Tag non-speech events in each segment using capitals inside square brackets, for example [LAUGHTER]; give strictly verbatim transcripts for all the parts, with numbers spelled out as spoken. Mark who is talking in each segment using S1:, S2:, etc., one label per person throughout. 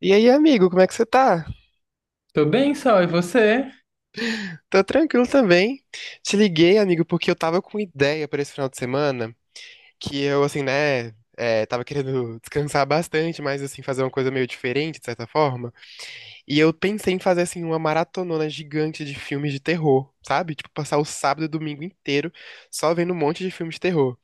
S1: E aí, amigo, como é que você tá?
S2: Tô bem, Sol, e você?
S1: Tô tranquilo também. Te liguei, amigo, porque eu tava com ideia pra esse final de semana, que eu, assim, né, é, tava querendo [LAUGHS] descansar bastante, mas, assim, fazer uma coisa meio diferente, de certa forma. E eu pensei em fazer, assim, uma maratonona gigante de filmes de terror, sabe? Tipo, passar o sábado e o domingo inteiro só vendo um monte de filmes de terror.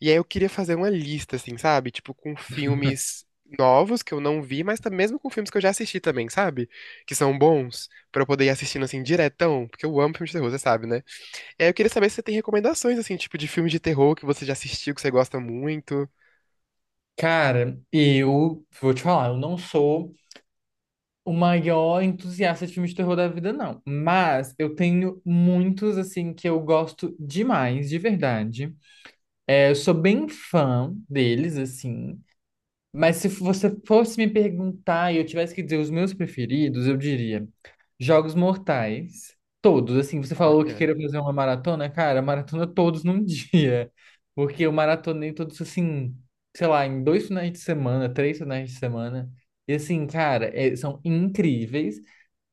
S1: E aí eu queria fazer uma lista, assim, sabe? Tipo, com filmes novos que eu não vi, mas tam- mesmo com filmes que eu já assisti também, sabe? Que são bons, pra eu poder ir assistindo, assim, diretão, porque eu amo filme de terror, você sabe, né? E aí eu queria saber se você tem recomendações, assim, tipo, de filme de terror que você já assistiu, que você gosta muito.
S2: Cara, eu vou te falar, eu não sou o maior entusiasta de filmes de terror da vida, não. Mas eu tenho muitos, assim, que eu gosto demais, de verdade. É, eu sou bem fã deles, assim. Mas se você fosse me perguntar e eu tivesse que dizer os meus preferidos, eu diria Jogos Mortais, todos. Assim, você falou que
S1: Olha,
S2: queria fazer uma maratona, cara, maratona todos num [LAUGHS] dia. Porque eu maratonei todos assim, sei lá, em dois finais de semana, três finais de semana. E assim, cara, é- são incríveis.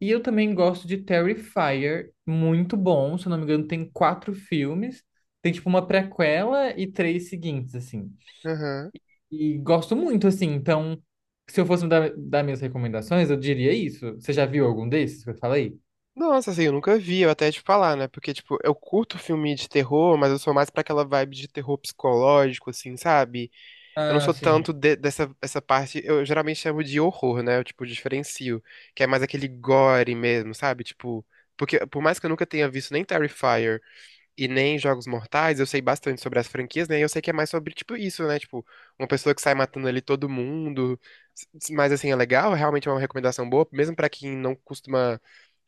S2: E eu também gosto de Terrifier, muito bom. Se eu não me engano, tem quatro filmes. Tem tipo uma prequela e três seguintes, assim.
S1: aham.
S2: E gosto muito, assim. Então, se eu fosse dar, dar minhas recomendações, eu diria isso. Você já viu algum desses que eu falei?
S1: Nossa, assim, eu nunca vi, eu até ia te falar, né? Porque, tipo, eu curto filme de terror, mas eu sou mais pra aquela vibe de terror psicológico, assim, sabe? Eu não
S2: Ah,
S1: sou
S2: sim.
S1: tanto de- dessa essa parte, eu geralmente chamo de horror, né? Eu, tipo, diferencio, que é mais aquele gore mesmo, sabe? Tipo, porque por mais que eu nunca tenha visto nem Terrifier e nem Jogos Mortais, eu sei bastante sobre as franquias, né? E eu sei que é mais sobre, tipo, isso, né? Tipo, uma pessoa que sai matando ali todo mundo. S- s- Mas, assim, é legal, realmente é uma recomendação boa, mesmo pra quem não costuma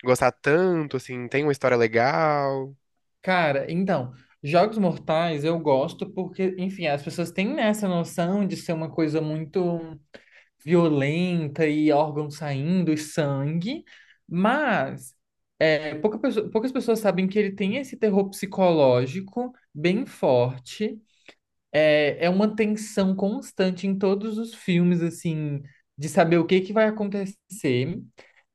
S1: gostar tanto, assim, tem uma história legal.
S2: Cara, então, Jogos Mortais eu gosto porque, enfim, as pessoas têm, né, essa noção de ser uma coisa muito violenta e órgão saindo e sangue, mas é, pouca pessoa- poucas pessoas sabem que ele tem esse terror psicológico bem forte. É, é uma tensão constante em todos os filmes, assim, de saber o que que vai acontecer.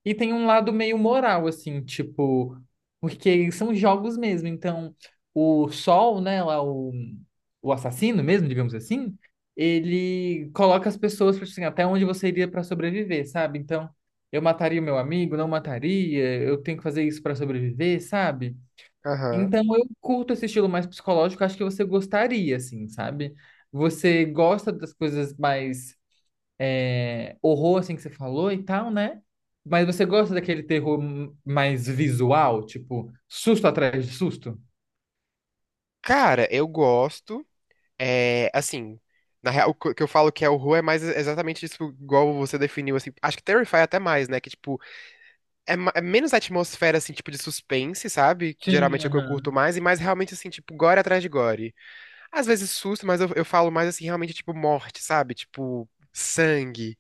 S2: E tem um lado meio moral, assim, tipo, porque são jogos mesmo. Então, o Sol, né, lá, o, o assassino mesmo, digamos assim, ele coloca as pessoas, tipo assim, até onde você iria para sobreviver, sabe? Então, eu mataria o meu amigo, não mataria, eu tenho que fazer isso para sobreviver, sabe?
S1: Aham.
S2: Então eu curto esse estilo mais psicológico, acho que você gostaria, assim, sabe? Você gosta das coisas mais é, horror, assim, que você falou e tal, né? Mas você gosta daquele terror m- mais visual, tipo, susto atrás de susto?
S1: Cara, eu gosto. É, assim, na real, o que que eu falo que é horror é mais exatamente isso, igual você definiu, assim. Acho que Terrify é até mais, né? Que, tipo, é, ma- é menos atmosfera, assim, tipo, de suspense, sabe? Que
S2: Sim,
S1: geralmente é o que eu curto
S2: aham.
S1: mais, e mais realmente, assim, tipo, gore atrás de gore. Às vezes susto, mas eu, eu falo mais, assim, realmente, tipo, morte, sabe? Tipo, sangue.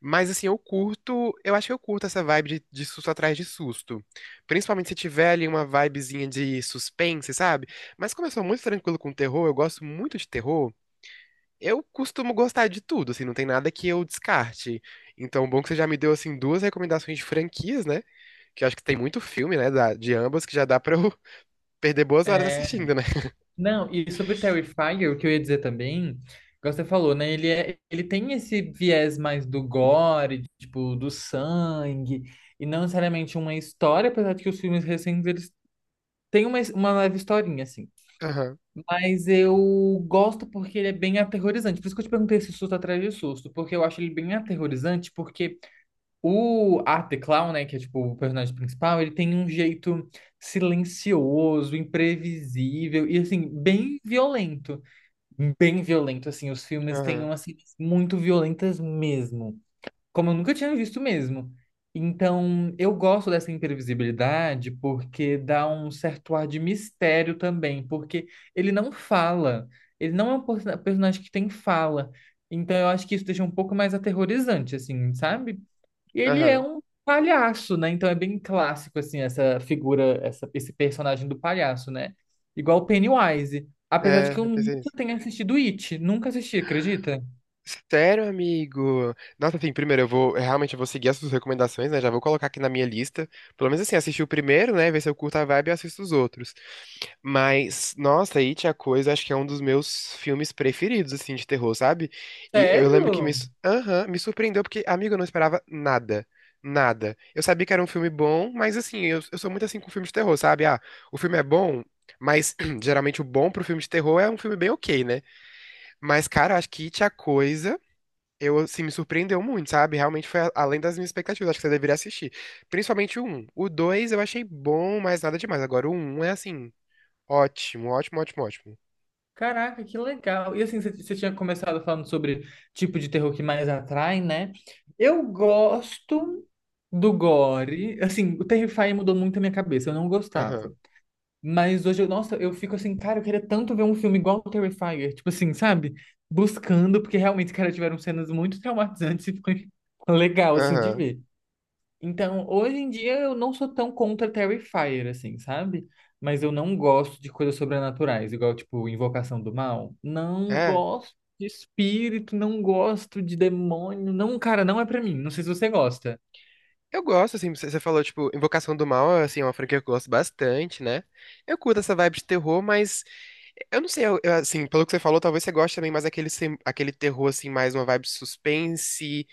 S1: Mas, assim, eu curto, eu acho que eu curto essa vibe de, de susto atrás de susto. Principalmente se tiver ali uma vibezinha de suspense, sabe? Mas como eu sou muito tranquilo com terror, eu gosto muito de terror. Eu costumo gostar de tudo, assim, não tem nada que eu descarte. Então, bom que você já me deu, assim, duas recomendações de franquias, né? Que eu acho que tem muito filme, né, da- de ambas, que já dá pra eu [LAUGHS] perder boas horas
S2: É,
S1: assistindo, né?
S2: não, e sobre Terrifier, o que eu ia dizer também, igual você falou, né? Ele, é, ele tem esse viés mais do gore, tipo, do sangue, e não necessariamente uma história, apesar de que os filmes recentes eles tem uma, uma leve historinha, assim.
S1: Aham,
S2: Mas eu gosto porque ele é bem aterrorizante. Por isso que eu te perguntei se susto atrás de susto. Porque eu acho ele bem aterrorizante, porque o Art the Clown, né, que é tipo o personagem principal, ele tem um jeito silencioso, imprevisível e assim, bem violento. Bem violento, assim. Os filmes têm
S1: aham,
S2: umas cenas muito violentas mesmo, como eu nunca tinha visto mesmo. Então, eu gosto dessa imprevisibilidade porque dá um certo ar de mistério também, porque ele não fala, ele não é um person- personagem que tem fala. Então, eu acho que isso deixa um pouco mais aterrorizante, assim, sabe? E ele é
S1: aham.
S2: um palhaço, né? Então, é bem clássico, assim, essa figura, essa, esse personagem do palhaço, né? Igual o Pennywise. Apesar de
S1: É,
S2: que eu
S1: eu pensei
S2: nunca
S1: nisso.
S2: tenha assistido It, nunca assisti, acredita?
S1: Sério, amigo? Nossa, assim, primeiro eu vou, realmente eu vou seguir as suas recomendações, né? Já vou colocar aqui na minha lista. Pelo menos assim, assistir o primeiro, né? Ver se eu curto a vibe e assisto os outros. Mas, nossa, It, a Coisa, acho que é um dos meus filmes preferidos, assim, de terror, sabe? E eu lembro que me,
S2: Sério?
S1: su- Aham, me surpreendeu, porque, amigo, eu não esperava nada. Nada. Eu sabia que era um filme bom, mas assim, eu, eu sou muito assim com filme de terror, sabe? Ah, o filme é bom, mas [CLEARS THROAT] geralmente o bom pro filme de terror é um filme bem ok, né? Mas, cara, acho que It, a Coisa. Eu, assim, me surpreendeu muito, sabe? Realmente foi a- além das minhas expectativas. Acho que você deveria assistir. Principalmente o um. O dois eu achei bom, mas nada demais. Agora o um é, assim, ótimo, ótimo, ótimo, ótimo.
S2: Caraca, que legal. E assim, você você tinha começado falando sobre tipo de terror que mais atrai, né? Eu gosto do gore. Assim, o Terrify mudou muito a minha cabeça, eu não
S1: Aham,
S2: gostava. Mas hoje, eu, nossa, eu fico assim, cara, eu queria tanto ver um filme igual o Terrifier. Tipo assim, sabe? Buscando, porque realmente, cara, tiveram cenas muito traumatizantes e foi [LAUGHS] legal, assim, de
S1: aham.
S2: ver. Então, hoje em dia eu não sou tão contra Terrifier, assim, sabe? Mas eu não gosto de coisas sobrenaturais, igual, tipo, Invocação do Mal. Não
S1: É.
S2: gosto de espírito, não gosto de demônio. Não, cara, não é pra mim. Não sei se você gosta.
S1: Eu gosto, assim, você você falou, tipo, Invocação do Mal, assim, é uma franquia que eu gosto bastante, né? Eu curto essa vibe de terror, mas eu não sei, eu- eu, assim, pelo que você falou, talvez você goste também mais aquele, aquele terror, assim, mais uma vibe suspense,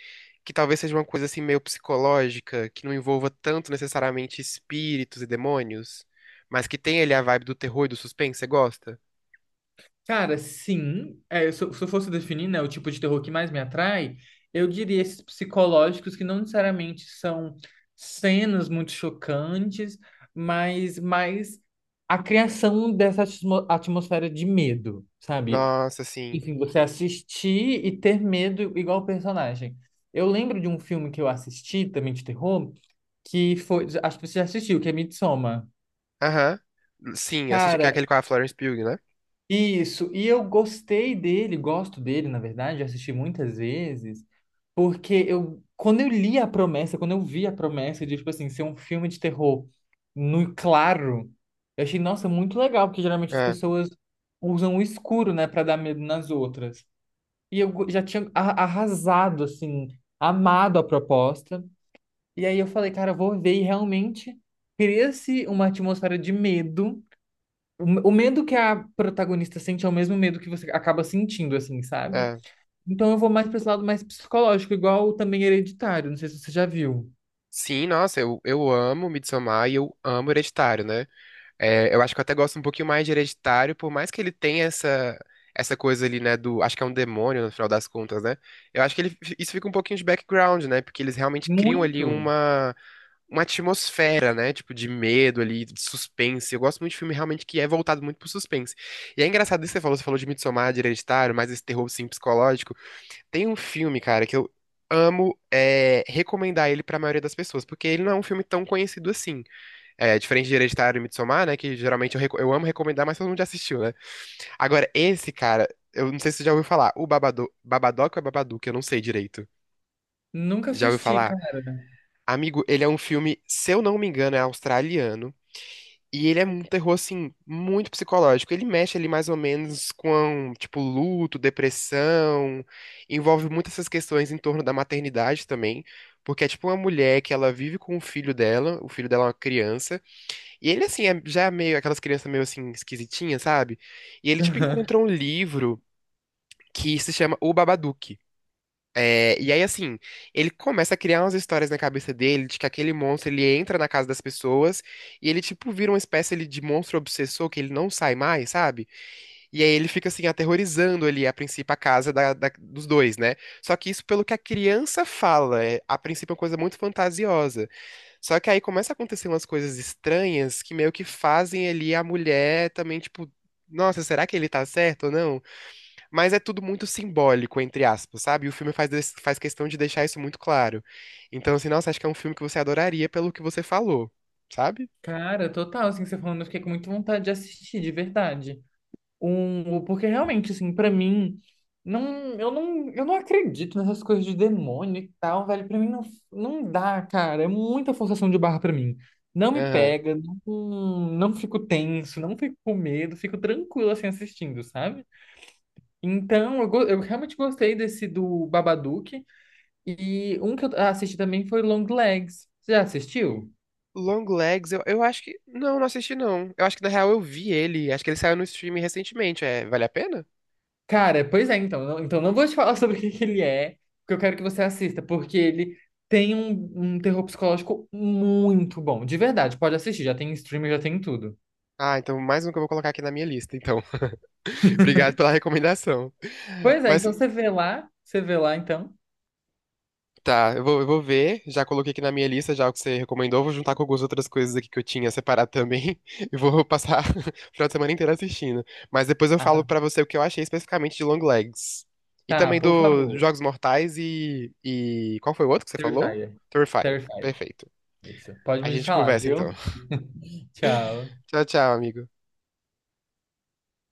S1: que talvez seja uma coisa, assim, meio psicológica, que não envolva tanto necessariamente espíritos e demônios, mas que tem ali a vibe do terror e do suspense, você gosta?
S2: Cara, sim. É, se eu se eu fosse definir, né, o tipo de terror que mais me atrai, eu diria esses psicológicos que não necessariamente são cenas muito chocantes, mas mais a criação dessa atmo- atmosfera de medo, sabe?
S1: Nossa, sim.
S2: Enfim, você assistir e ter medo igual o personagem. Eu lembro de um filme que eu assisti, também de terror, que foi. Acho que você já assistiu, que é Midsommar.
S1: Aham. Sim, assisti- que é
S2: Cara,
S1: aquele com a Florence Pugh, né?
S2: isso, e eu gostei dele, gosto dele, na verdade, já assisti muitas vezes, porque eu, quando eu li a promessa, quando eu vi a promessa de, tipo assim, ser um filme de terror no claro, eu achei, nossa, muito legal, porque geralmente as
S1: É,
S2: pessoas usam o escuro, né, pra dar medo nas outras. E eu go- já tinha a- arrasado, assim, amado a proposta, e aí eu falei, cara, eu vou ver, e realmente cria-se uma atmosfera de medo, o o medo que a protagonista sente é o mesmo medo que você acaba sentindo, assim, sabe?
S1: é.
S2: Então eu vou mais para esse lado mais psicológico, igual também Hereditário, não sei se você já viu.
S1: Sim, nossa, eu, eu amo Midsommar e eu amo Hereditário, né? É, eu acho que eu até gosto um pouquinho mais de Hereditário, por mais que ele tenha essa, essa coisa ali, né, do, acho que é um demônio no final das contas, né? Eu acho que ele, isso fica um pouquinho de background, né? Porque eles realmente criam ali
S2: Muito!
S1: uma, uma atmosfera, né? Tipo, de medo ali, de suspense. Eu gosto muito de filme realmente que é voltado muito pro suspense. E é engraçado isso que você falou, você falou de Midsommar, de Hereditário, mas esse terror, assim, psicológico. Tem um filme, cara, que eu amo é, recomendar ele pra maioria das pessoas, porque ele não é um filme tão conhecido assim. É, diferente de Hereditário e Midsommar, né? Que geralmente eu, reco- eu amo recomendar, mas todo mundo já assistiu, né? Agora, esse cara, eu não sei se você já ouviu falar, o Babado, Babadook ou é Babadook, eu não sei direito.
S2: Nunca
S1: Já ouviu
S2: assisti,
S1: falar?
S2: cara.
S1: Amigo, ele é um filme, se eu não me engano, é australiano. E ele é um terror, assim, muito psicológico. Ele mexe ali mais ou menos com, tipo, luto, depressão. Envolve muitas essas questões em torno da maternidade também. Porque é tipo uma mulher que ela vive com o filho dela, o filho dela é uma criança. E ele, assim, é já meio aquelas crianças meio assim, esquisitinhas, sabe? E ele, tipo, encontra um
S2: [LAUGHS]
S1: livro que se chama O Babadook. É, e aí, assim, ele começa a criar umas histórias na cabeça dele de que aquele monstro ele entra na casa das pessoas e ele, tipo, vira uma espécie ali, de monstro obsessor que ele não sai mais, sabe? E aí ele fica, assim, aterrorizando ali, a princípio, a casa da- da- dos dois, né? Só que isso, pelo que a criança fala, é, a princípio é uma coisa muito fantasiosa. Só que aí começa a acontecer umas coisas estranhas que meio que fazem ali a mulher também, tipo, nossa, será que ele tá certo ou não? Mas é tudo muito simbólico, entre aspas, sabe? E o filme faz, des- faz questão de deixar isso muito claro. Então, assim, nossa, acho que é um filme que você adoraria pelo que você falou, sabe?
S2: Cara, total, assim, você falando, eu fiquei com muita vontade de assistir, de verdade. Um, porque realmente, assim, pra mim, não, eu não, eu não acredito nessas coisas de demônio e tal, velho. Pra mim não, não dá, cara. É muita forçação de barra pra mim. Não me
S1: Aham.
S2: pega, não, não fico tenso, não fico com medo, fico tranquilo assim assistindo, sabe? Então, eu, go- eu realmente gostei desse do Babadook. E um que eu assisti também foi Long Legs. Você já assistiu?
S1: Long Legs, eu, eu acho que. Não, não assisti, não. Eu acho que na real eu vi ele. Acho que ele saiu no streaming recentemente. É, vale a pena?
S2: Cara, pois é, então. Não, então não vou te falar sobre [LAUGHS] o que que ele é, porque eu quero que você assista, porque ele tem um, um terror psicológico muito bom. De verdade, pode assistir, já tem em streaming, já tem em tudo.
S1: Ah, então mais um que eu vou colocar aqui na minha lista, então. [LAUGHS] Obrigado pela recomendação.
S2: Pois é,
S1: Mas
S2: então você vê lá, você vê lá então.
S1: tá, eu vou, eu vou ver. Já coloquei aqui na minha lista já o que você recomendou. Vou juntar com algumas outras coisas aqui que eu tinha separado também. [LAUGHS] E vou passar [LAUGHS] o final de semana inteiro assistindo. Mas depois eu falo
S2: Arrasou.
S1: pra você o que eu achei especificamente de Long Legs. E
S2: Tá,
S1: também
S2: por
S1: do
S2: favor.
S1: Jogos Mortais e, e... Qual foi o outro que você falou?
S2: Terrifier.
S1: Terrifier.
S2: Terrifier.
S1: Perfeito.
S2: Isso. Pode
S1: A
S2: me
S1: gente
S2: falar,
S1: conversa então.
S2: viu? [LAUGHS] Tchau.
S1: [LAUGHS] Tchau, tchau, amigo.